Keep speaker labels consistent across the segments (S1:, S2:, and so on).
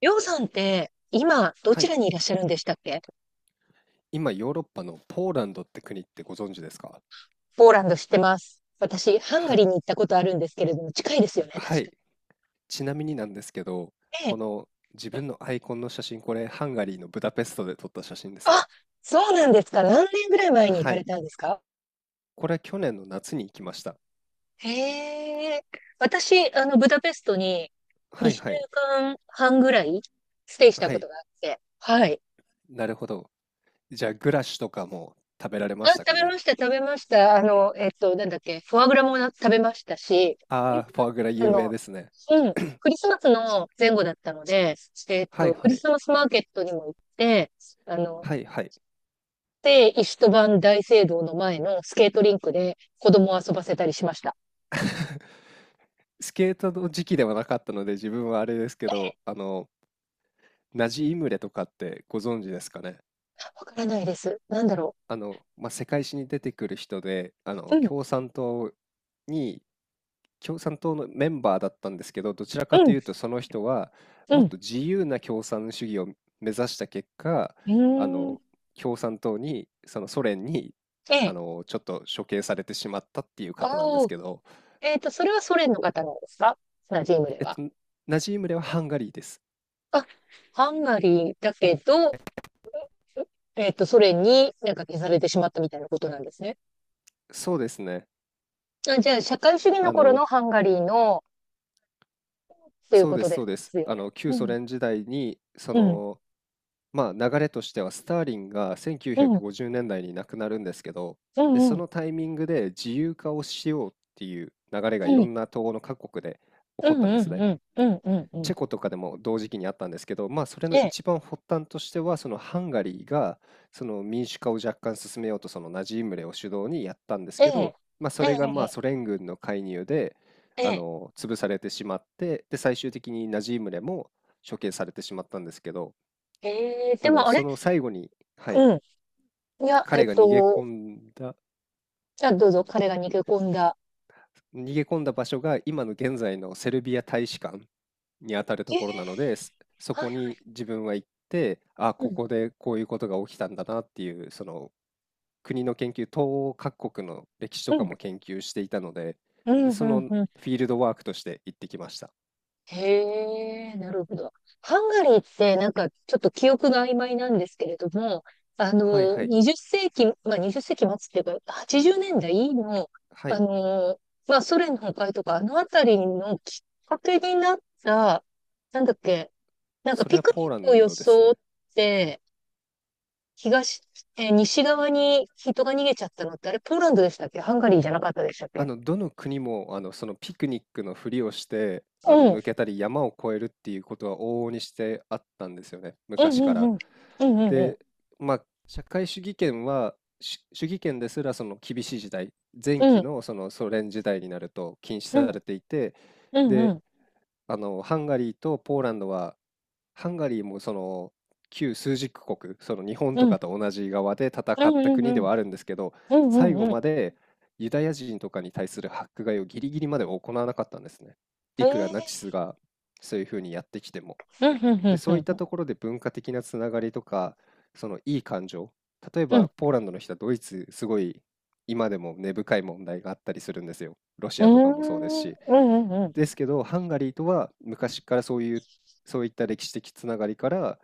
S1: りょうさんって、今、ど
S2: は
S1: ち
S2: い。
S1: らにいらっしゃるんでしたっけ？
S2: 今、ヨーロッパのポーランドって国ってご存知ですか？
S1: ポーランド知ってます。私、ハンガ
S2: は
S1: リー
S2: い。
S1: に行ったことあるんですけれども、近いですよね、確か
S2: はい。
S1: に。
S2: ちなみになんですけど、
S1: え
S2: こ
S1: え。
S2: の自分のアイコンの写真、これハンガリーのブダペストで撮った写真です
S1: あ、
S2: ね。
S1: そうなんですか。何年ぐらい前に行
S2: は
S1: かれ
S2: い。
S1: たんですか？
S2: これ去年の夏に行きました。
S1: へえ。私、ブダペストに
S2: はい
S1: 2
S2: はい。
S1: 週間半ぐらいステイした
S2: は
S1: こ
S2: い。
S1: とがあって、はい。
S2: なるほど。じゃあ、グラッシュとかも食べられま
S1: あ、
S2: した
S1: 食
S2: か
S1: べ
S2: ね？
S1: ました、食べました。あの、えっと、なんだっけ、フォアグラもな食べましたし、ク
S2: あ
S1: リ
S2: あ
S1: ス
S2: ー、フォアグラ
S1: マス
S2: 有名
S1: の、
S2: ですね。
S1: うん、クリスマスの前後だったので、
S2: はい
S1: ク
S2: は
S1: リ
S2: い。
S1: スマスマーケットにも行って、あの、
S2: はいはい。
S1: で、イストバン大聖堂の前のスケートリンクで子供を遊ばせたりしました。
S2: スケートの時期ではなかったので、自分はあれですけど、ナジイムレとかってご存知ですかね？
S1: わからないです。なんだろ
S2: 世界史に出てくる人で、
S1: う。うん、
S2: に共産党のメンバーだったんですけど、どちらか
S1: う
S2: と
S1: ん、
S2: いうとその人はもっ
S1: う
S2: と自由な共産主義を目指した結果、あ
S1: ん。うーん。
S2: の、共産党に、そのソ連に、
S1: ええ。
S2: ちょっと処刑されてしまったっていう方なんです
S1: お
S2: けど、
S1: えっと、それはソ連の方なんですか？ナジームで
S2: えっ
S1: は。
S2: と、ナジームレはハンガリーです。
S1: あ、ハンガリーだけど、ソ連になんか消されてしまったみたいなことなんですね。
S2: そうですね。
S1: あ、じゃあ、社会主義の
S2: あ
S1: 頃
S2: の、
S1: のハンガリーの、っていう
S2: そう
S1: こ
S2: で
S1: と
S2: す
S1: で
S2: そうです。
S1: すよね。
S2: 旧
S1: う
S2: ソ
S1: ん、
S2: 連時代に、そ
S1: うん、
S2: のまあ、流れとしてはスターリンが
S1: う
S2: 1950
S1: ん、うん、
S2: 年代に亡くなるんですけど、
S1: う
S2: で、
S1: ん、う
S2: そ
S1: ん、
S2: のタイミングで自由化をしようっていう流れがいろんな東欧の各国で起
S1: う
S2: こっ
S1: ん、
S2: たんで
S1: う
S2: す
S1: ん、
S2: ね。
S1: うん、うん、うん。う
S2: チェ
S1: ん、
S2: コとかでも同時期にあったんですけど、まあそれ
S1: え
S2: の
S1: え、
S2: 一番発端としては、そのハンガリーがその民主化を若干進めようとそのナジームレを主導にやったんです
S1: え
S2: け
S1: え、
S2: ど、まあそ
S1: え
S2: れがまあ
S1: え、
S2: ソ連軍の介入で
S1: ええ、
S2: 潰されてしまって、で最終的にナジームレも処刑されてしまったんですけど、
S1: ええ、でもあ
S2: そ
S1: れ
S2: の最後に、はい、
S1: うん。いや、
S2: 彼が逃げ込んだ
S1: じゃあどうぞ、彼が逃げ込んだ。
S2: 逃げ込んだ場所が今の現在のセルビア大使館にあたると
S1: え
S2: ころ
S1: え、
S2: なので、そそ
S1: は
S2: こ
S1: い、は
S2: に
S1: い。
S2: 自分は行って、あ、
S1: う
S2: こ
S1: ん、
S2: こでこういうことが起きたんだなっていう、その国の研究、東欧各国の歴史と
S1: う
S2: か
S1: ん、
S2: も研究していたので、
S1: うん、
S2: で、
S1: う
S2: その
S1: ん、
S2: フ
S1: うん。
S2: ィールドワークとして行ってきました。
S1: へえ、なるほど。ハンガリーってなんかちょっと記憶が曖昧なんですけれども、
S2: はいはい。
S1: 20世紀、まあ20世紀末っていうか、80年代の、
S2: は
S1: あ
S2: い。
S1: の、まあソ連の崩壊とか、あのあたりのきっかけになった、なんだっけ、なんか
S2: それ
S1: ピ
S2: は
S1: ク
S2: ポ
S1: ニ
S2: ー
S1: ッ
S2: ラ
S1: クを
S2: ンドですね。
S1: 装って、東、西側に人が逃げちゃったのって、あれポーランドでしたっけ？ハンガリーじゃなかったでしたっけ？
S2: どの国も、そのピクニックのふりをして、
S1: うん、
S2: 抜けたり山を越えるっていうことは往々にしてあったんですよね、
S1: うん、
S2: 昔か
S1: うん、
S2: ら。
S1: うん、うん、
S2: で、まあ、社会主義圏は、し主義圏ですらその厳しい時代、前
S1: う
S2: 期
S1: ん、
S2: のそのソ連時代になると禁止
S1: うん、う
S2: さ
S1: ん、
S2: れていて、
S1: うん、うん、
S2: で、
S1: うん。
S2: ハンガリーとポーランドはハンガリーもその旧枢軸国、その日本
S1: う
S2: と
S1: ん、
S2: かと同じ側で戦
S1: うん、
S2: った
S1: うん、う
S2: 国で
S1: ん。
S2: はあるんですけど、
S1: うん、
S2: 最
S1: う
S2: 後
S1: ん、うん。
S2: までユダヤ人とかに対する迫害をギリギリまで行わなかったんですね。い
S1: え
S2: くらナ
S1: え、
S2: チスがそういうふうにやってきても。
S1: うん、う
S2: で、
S1: ん、うん、
S2: そういっ
S1: う
S2: た
S1: ん、
S2: ところで文化的なつながりとか、そのいい感情、例え
S1: うん。うん。
S2: ば
S1: う
S2: ポーランドの人はドイツ、すごい今でも根深い問題があったりするんですよ。ロシ
S1: ー
S2: アとかもそうです
S1: ん。うん、
S2: し。
S1: うん、う
S2: ですけど、ハンガリーとは昔からそういう、そういった歴史的つながりから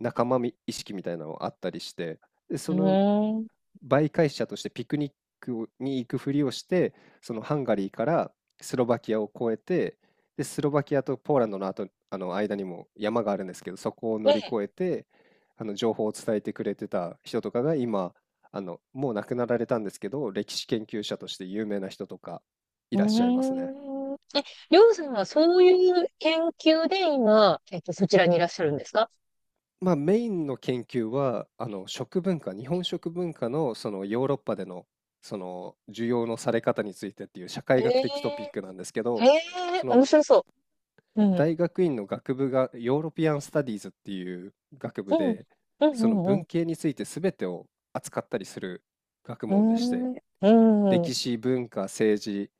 S2: 仲間み意識みたいなのがあったりして、で、
S1: ん。
S2: その
S1: うーん。
S2: 媒介者としてピクニックに行くふりをして、そのハンガリーからスロバキアを越えて、で、スロバキアとポーランドの後、あの間にも山があるんですけど、そこを
S1: え
S2: 乗り
S1: え。
S2: 越えて、あの情報を伝えてくれてた人とかが今、もう亡くなられたんですけど、歴史研究者として有名な人とかい
S1: う
S2: らっしゃいますね。
S1: ーん。りょうさんはそういう研究で今、そちらにいらっしゃるんですか？
S2: まあ、メインの研究は、食文化、日本食文化のそのヨーロッパでのその需要のされ方についてっていう社
S1: へ
S2: 会学的トピッ
S1: え、
S2: クなんですけ
S1: へ
S2: ど、
S1: え
S2: その
S1: 面白そう。うん。
S2: 大学院の学部がヨーロピアン・スタディーズっていう学
S1: う
S2: 部
S1: ん。
S2: で、
S1: う
S2: その
S1: ん、うん、
S2: 文
S1: う
S2: 系について全てを扱ったりする学問でして、
S1: ん。うーん。うん。う
S2: 歴史、文化、政治、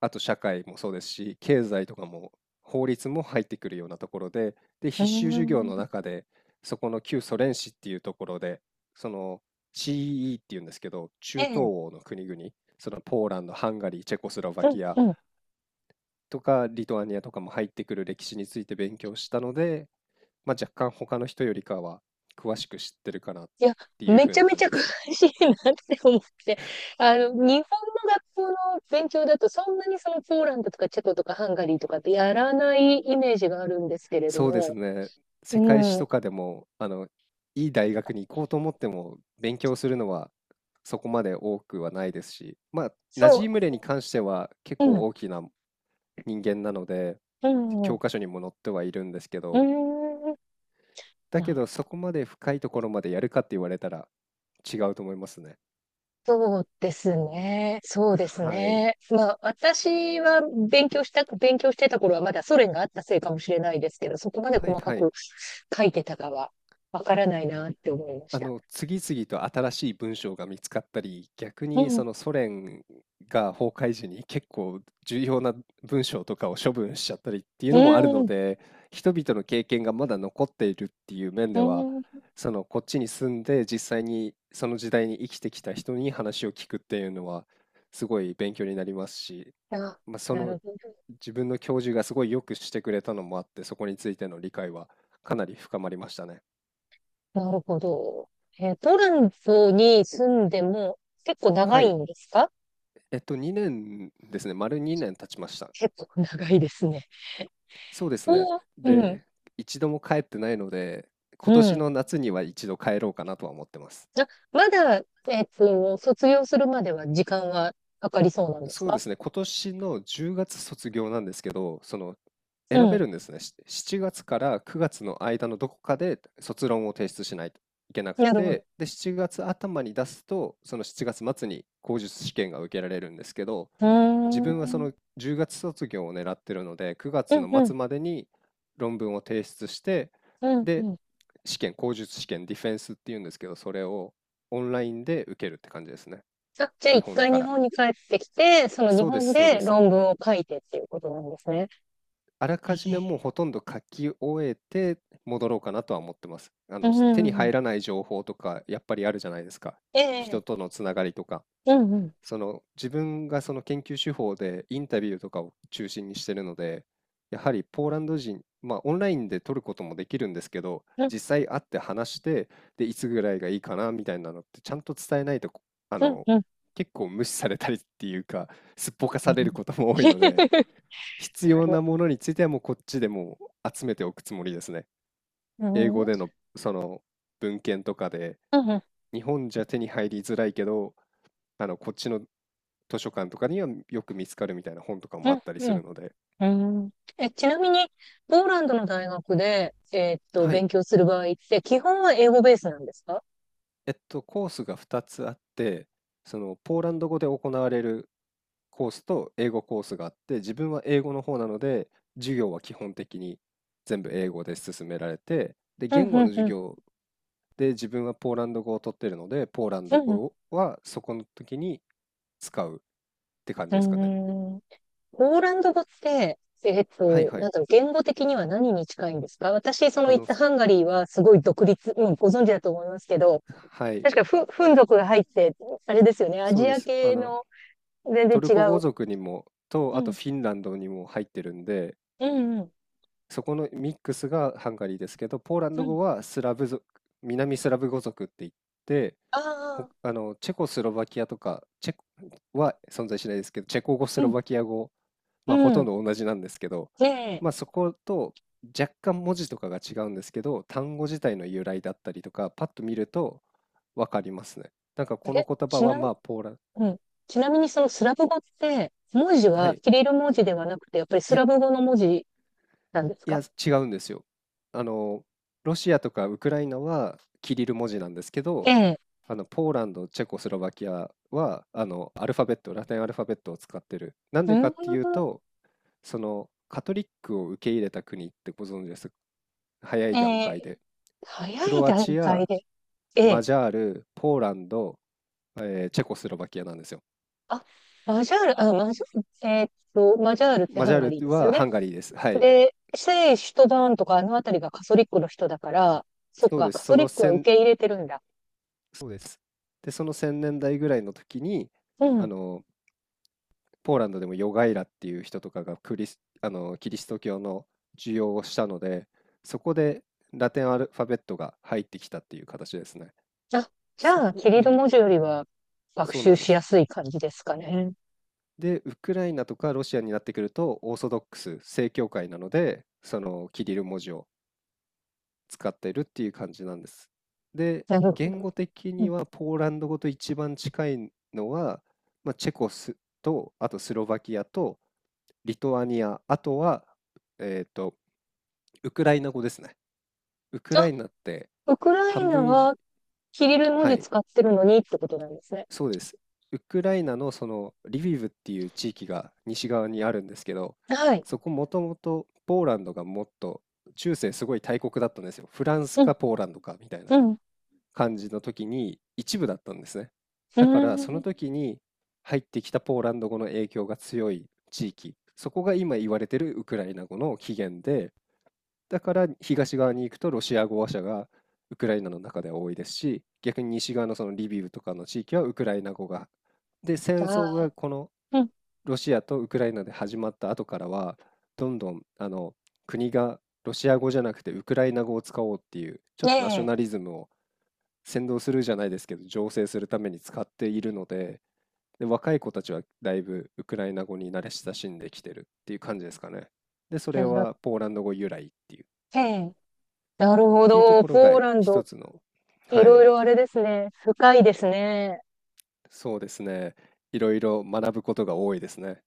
S2: あと社会もそうですし、経済とかも法律も入ってくるようなところで、で、
S1: ー
S2: 必修授業
S1: ん。
S2: の中で、そこの旧ソ連史っていうところで、その CEE っていうんですけど、中
S1: え
S2: 東
S1: え。
S2: 欧の国々、そのポーランド、ハンガリー、チェコスロバ
S1: うん、
S2: キア
S1: うん。
S2: とかリトアニアとかも入ってくる歴史について勉強したので、まあ、若干他の人よりかは詳しく知ってるかなっ
S1: いや、
S2: ていう
S1: め
S2: 風
S1: ち
S2: な
S1: ゃめ
S2: 感
S1: ち
S2: じ
S1: ゃ
S2: で
S1: 詳
S2: す。
S1: しいなって思って、日本の学校の勉強だと、そんなにそのポーランドとかチェコとかハンガリーとかってやらないイメージがあるんですけれど
S2: そうです
S1: も、
S2: ね。
S1: う
S2: 世界史
S1: ん、
S2: とかでも、いい大学に行こうと思っても、勉強するのはそこまで多くはないですし、まあ、ナ
S1: そ
S2: ジ
S1: う、
S2: ームレに関しては結
S1: う
S2: 構
S1: ん、
S2: 大きな人間なので、
S1: うん、うん、
S2: 教
S1: う
S2: 科書にも載ってはいるんですけ
S1: ー
S2: ど、
S1: ん、
S2: だけどそこまで深いところまでやるかって言われたら違うと思いますね。
S1: そうですね。そうです
S2: はい。
S1: ね。まあ、私は勉強してた頃はまだソ連があったせいかもしれないですけど、そこまで
S2: はい
S1: 細か
S2: はい。
S1: く書いてたかはわからないなって思いました。
S2: 次々と新しい文章が見つかったり、逆
S1: う
S2: に
S1: ん、
S2: そのソ連が崩壊時に結構重要な文章とかを処分しちゃったりっていう
S1: う
S2: のもあるの
S1: ん、
S2: で、人々の経験がまだ残っているっていう面
S1: う
S2: では、
S1: ん、
S2: そのこっちに住んで実際にその時代に生きてきた人に話を聞くっていうのはすごい勉強になりますし、
S1: あ、
S2: まあ、そ
S1: な
S2: の
S1: るほど。
S2: 自分の教授がすごいよくしてくれたのもあって、そこについての理解はかなり深まりましたね。
S1: なるほど。トランプに住んでも結構長
S2: は
S1: い
S2: い。
S1: んですか？
S2: 2年ですね。丸2年経ちました。
S1: 結構長いですね。
S2: そうですね。
S1: おーうん、
S2: で、一度も帰ってないので、今
S1: う
S2: 年
S1: ん。
S2: の夏には一度帰ろうかなとは思ってます。
S1: あ、まだ、卒業するまでは時間はかかりそうなんです
S2: そうで
S1: か？
S2: すね。今年の10月卒業なんですけど、その、
S1: う
S2: 選べ
S1: ん。
S2: るんですね。し7月から9月の間のどこかで卒論を提出しないといけなく
S1: なるほど。
S2: て、で、7月頭に出すと、その7月末に口述試験が受けられるんですけど、
S1: うー
S2: 自
S1: ん。う
S2: 分はそ
S1: ん、
S2: の10月卒業を狙ってるので、9月
S1: う
S2: の
S1: ん、
S2: 末までに論文を提出して、
S1: うん、
S2: で、
S1: うん。
S2: 試験、口述試験、ディフェンスっていうんですけど、それをオンラインで受けるって感じですね。
S1: あ、じゃあ
S2: 日
S1: 一
S2: 本
S1: 回
S2: か
S1: 日
S2: ら。
S1: 本に帰ってきて、その日
S2: そうで
S1: 本
S2: す、そう
S1: で
S2: です。
S1: 論文を書いてっていうことなんですね。
S2: あら
S1: え
S2: かじめもう
S1: え、
S2: ほとんど書き終えて戻ろうかなとは思ってます。
S1: うん、う
S2: 手に
S1: ん、うん、
S2: 入らない情報とか、やっぱりあるじゃないですか。人
S1: ええ、
S2: とのつながりとか。
S1: うん、うん、
S2: その自分がその研究手法でインタビューとかを中心にしてるので、やはりポーランド人、まあオンラインで撮ることもできるんですけど、
S1: うん、
S2: 実際会って話して、で、いつぐらいがいいかなみたいなのってちゃんと伝えないと、あ
S1: う
S2: の、
S1: ん、
S2: 結構無視されたりっていうか、すっぽか
S1: う
S2: され
S1: ん。
S2: ることも多いので、必
S1: な
S2: 要
S1: る、
S2: なものについてはもうこっちでもう集めておくつもりですね。
S1: う
S2: 英
S1: ん、う
S2: 語
S1: ん、
S2: でのその文献とかで、
S1: うん、
S2: 日本じゃ手に入りづらいけど、こっちの図書館とかにはよく見つかるみたいな本とか
S1: う
S2: もあったりす
S1: ん、
S2: るので、
S1: うん。え、ちなみに、ポーランドの大学で、
S2: はい。
S1: 勉強する場合って、基本は英語ベースなんですか？
S2: コースが2つあって、その、ポーランド語で行われるコースと英語コースがあって、自分は英語の方なので、授業は基本的に全部英語で進められて、で、
S1: うん、
S2: 言語
S1: うん、
S2: の授
S1: うん、
S2: 業で自分はポーランド語を取ってるので、ポーランド語はそこの時に使うって感じ
S1: う
S2: ですかね。
S1: ん、うん。ポーランド語って、
S2: はいは
S1: なん
S2: い。
S1: だろう、言語的には何に近いんですか？私、その
S2: あ
S1: 行っ
S2: の、
S1: たハンガリーはすごい独立、うん、ご存知だと思いますけど、
S2: はい、
S1: 確かフン族が入って、あれですよね、ア
S2: そう
S1: ジ
S2: で
S1: ア
S2: す。
S1: 系の全然
S2: トル
S1: 違
S2: コ語
S1: う。
S2: 族にもと、
S1: う
S2: あと
S1: ん、
S2: フィンランドにも入ってるんで、
S1: うん、うん、
S2: そこのミックスがハンガリーですけど、ポーラン
S1: う
S2: ド
S1: ん。
S2: 語はスラブ族、南スラブ語族って言って、
S1: あ
S2: ほ
S1: あ、
S2: あのチェコスロバキアとかチェコは存在しないですけど、チェコ語、ス
S1: う
S2: ロ
S1: ん、
S2: バキア語、ま
S1: う
S2: あ、ほとん
S1: ん。
S2: ど同じなんですけど、
S1: で、
S2: まあ、そこと若干文字とかが違うんですけど、単語自体の由来だったりとか、パッと見ると分かりますね。なんかこの
S1: え、
S2: 言葉
S1: ち
S2: は
S1: な、
S2: まあポーラン、
S1: うん。ちなみにそのスラブ語って、文字
S2: は
S1: は
S2: い。
S1: キリル文字ではなくて、やっぱり
S2: い
S1: ス
S2: や、
S1: ラブ語の文字なんです
S2: いや、
S1: か？
S2: 違うんですよ。あの、ロシアとかウクライナはキリル文字なんですけ
S1: え
S2: ど、
S1: え。
S2: ポーランド、チェコスロバキアは、アルファベット、ラテンアルファベットを使ってる。なん
S1: う
S2: で
S1: ー
S2: か
S1: ん。
S2: っていうと、その、カトリックを受け入れた国ってご存知ですか？早
S1: え
S2: い段
S1: え、
S2: 階で。
S1: 早
S2: ク
S1: い
S2: ロア
S1: 段
S2: チ
S1: 階
S2: ア、
S1: で。え
S2: マ
S1: え。
S2: ジャール、ポーランド、チェコスロバキアなんですよ。
S1: あ、マジャール、あ、マジャール、マジャールって
S2: マ
S1: ハ
S2: ジ
S1: ン
S2: ャ
S1: ガ
S2: ー
S1: リー
S2: ル
S1: ですよ
S2: は
S1: ね。
S2: ハンガリーです。はい。
S1: で、聖シュトバーンとかあの辺りがカソリックの人だから、そっ
S2: そう
S1: か、
S2: です。
S1: カソ
S2: そ
S1: リ
S2: の
S1: ックは
S2: 1、
S1: 受け入れてるんだ。
S2: そうです。で、その1000年代ぐらいの時に、
S1: う
S2: あ
S1: ん。
S2: のポーランドでもヨガイラっていう人とかがクリス、あのキリスト教の授業をしたので、そこでラテンアルファベットが入ってきたっていう形ですね。
S1: あ、じ
S2: そ、
S1: ゃあ、キリル文字よりは学
S2: そうな
S1: 習
S2: んで
S1: し
S2: す。
S1: やすい感じですかね。
S2: で、ウクライナとかロシアになってくると、オーソドックス、正教会なので、そのキリル文字を使っているっていう感じなんです。で、
S1: なるほ
S2: 言
S1: ど。
S2: 語的
S1: うん、
S2: にはポーランド語と一番近いのは、まあ、チェコスと、あとスロバキアとリトアニア、あとは、えーとウクライナ語ですね。ウクラ
S1: あ、
S2: イナって
S1: ウクライ
S2: 半
S1: ナ
S2: 分以上、
S1: はキリル文
S2: は
S1: 字
S2: い、
S1: 使ってるのにってことなんですね。
S2: そうです。ウクライナのそのリビウっていう地域が西側にあるんですけど、
S1: はい。
S2: そこもともとポーランドがもっと中世すごい大国だったんですよ。フランス
S1: うん、
S2: かポーランドかみたいな
S1: うん、う
S2: 感じの時に一部だったんですね。
S1: ー
S2: だからその
S1: ん。
S2: 時に入ってきたポーランド語の影響が強い地域、そこが今言われてるウクライナ語の起源で、だから東側に行くとロシア語話者がウクライナの中では多いですし、逆に西側のそのリビウとかの地域はウクライナ語が。で、戦
S1: あ
S2: 争がこの
S1: あ、うん。
S2: ロシアとウクライナで始まった後からは、どんどん国がロシア語じゃなくてウクライナ語を使おうっていう、ちょ
S1: え
S2: っとナショ
S1: え、
S2: ナリズムを扇動するじゃないですけど、醸成するために使っているので、で、若い子たちはだいぶウクライナ語に慣れ親しんできてるっていう感じですかね。で、そ
S1: な
S2: れ
S1: るほど、
S2: はポーランド語由来っていう。
S1: ええ。なる
S2: っ
S1: ほ
S2: ていうと
S1: ど。
S2: ころ
S1: ポ
S2: が
S1: ーラン
S2: 一
S1: ド、
S2: つの、
S1: い
S2: は
S1: ろ
S2: い、
S1: いろあれですね。深いですね。
S2: そうですね。いろいろ学ぶことが多いですね。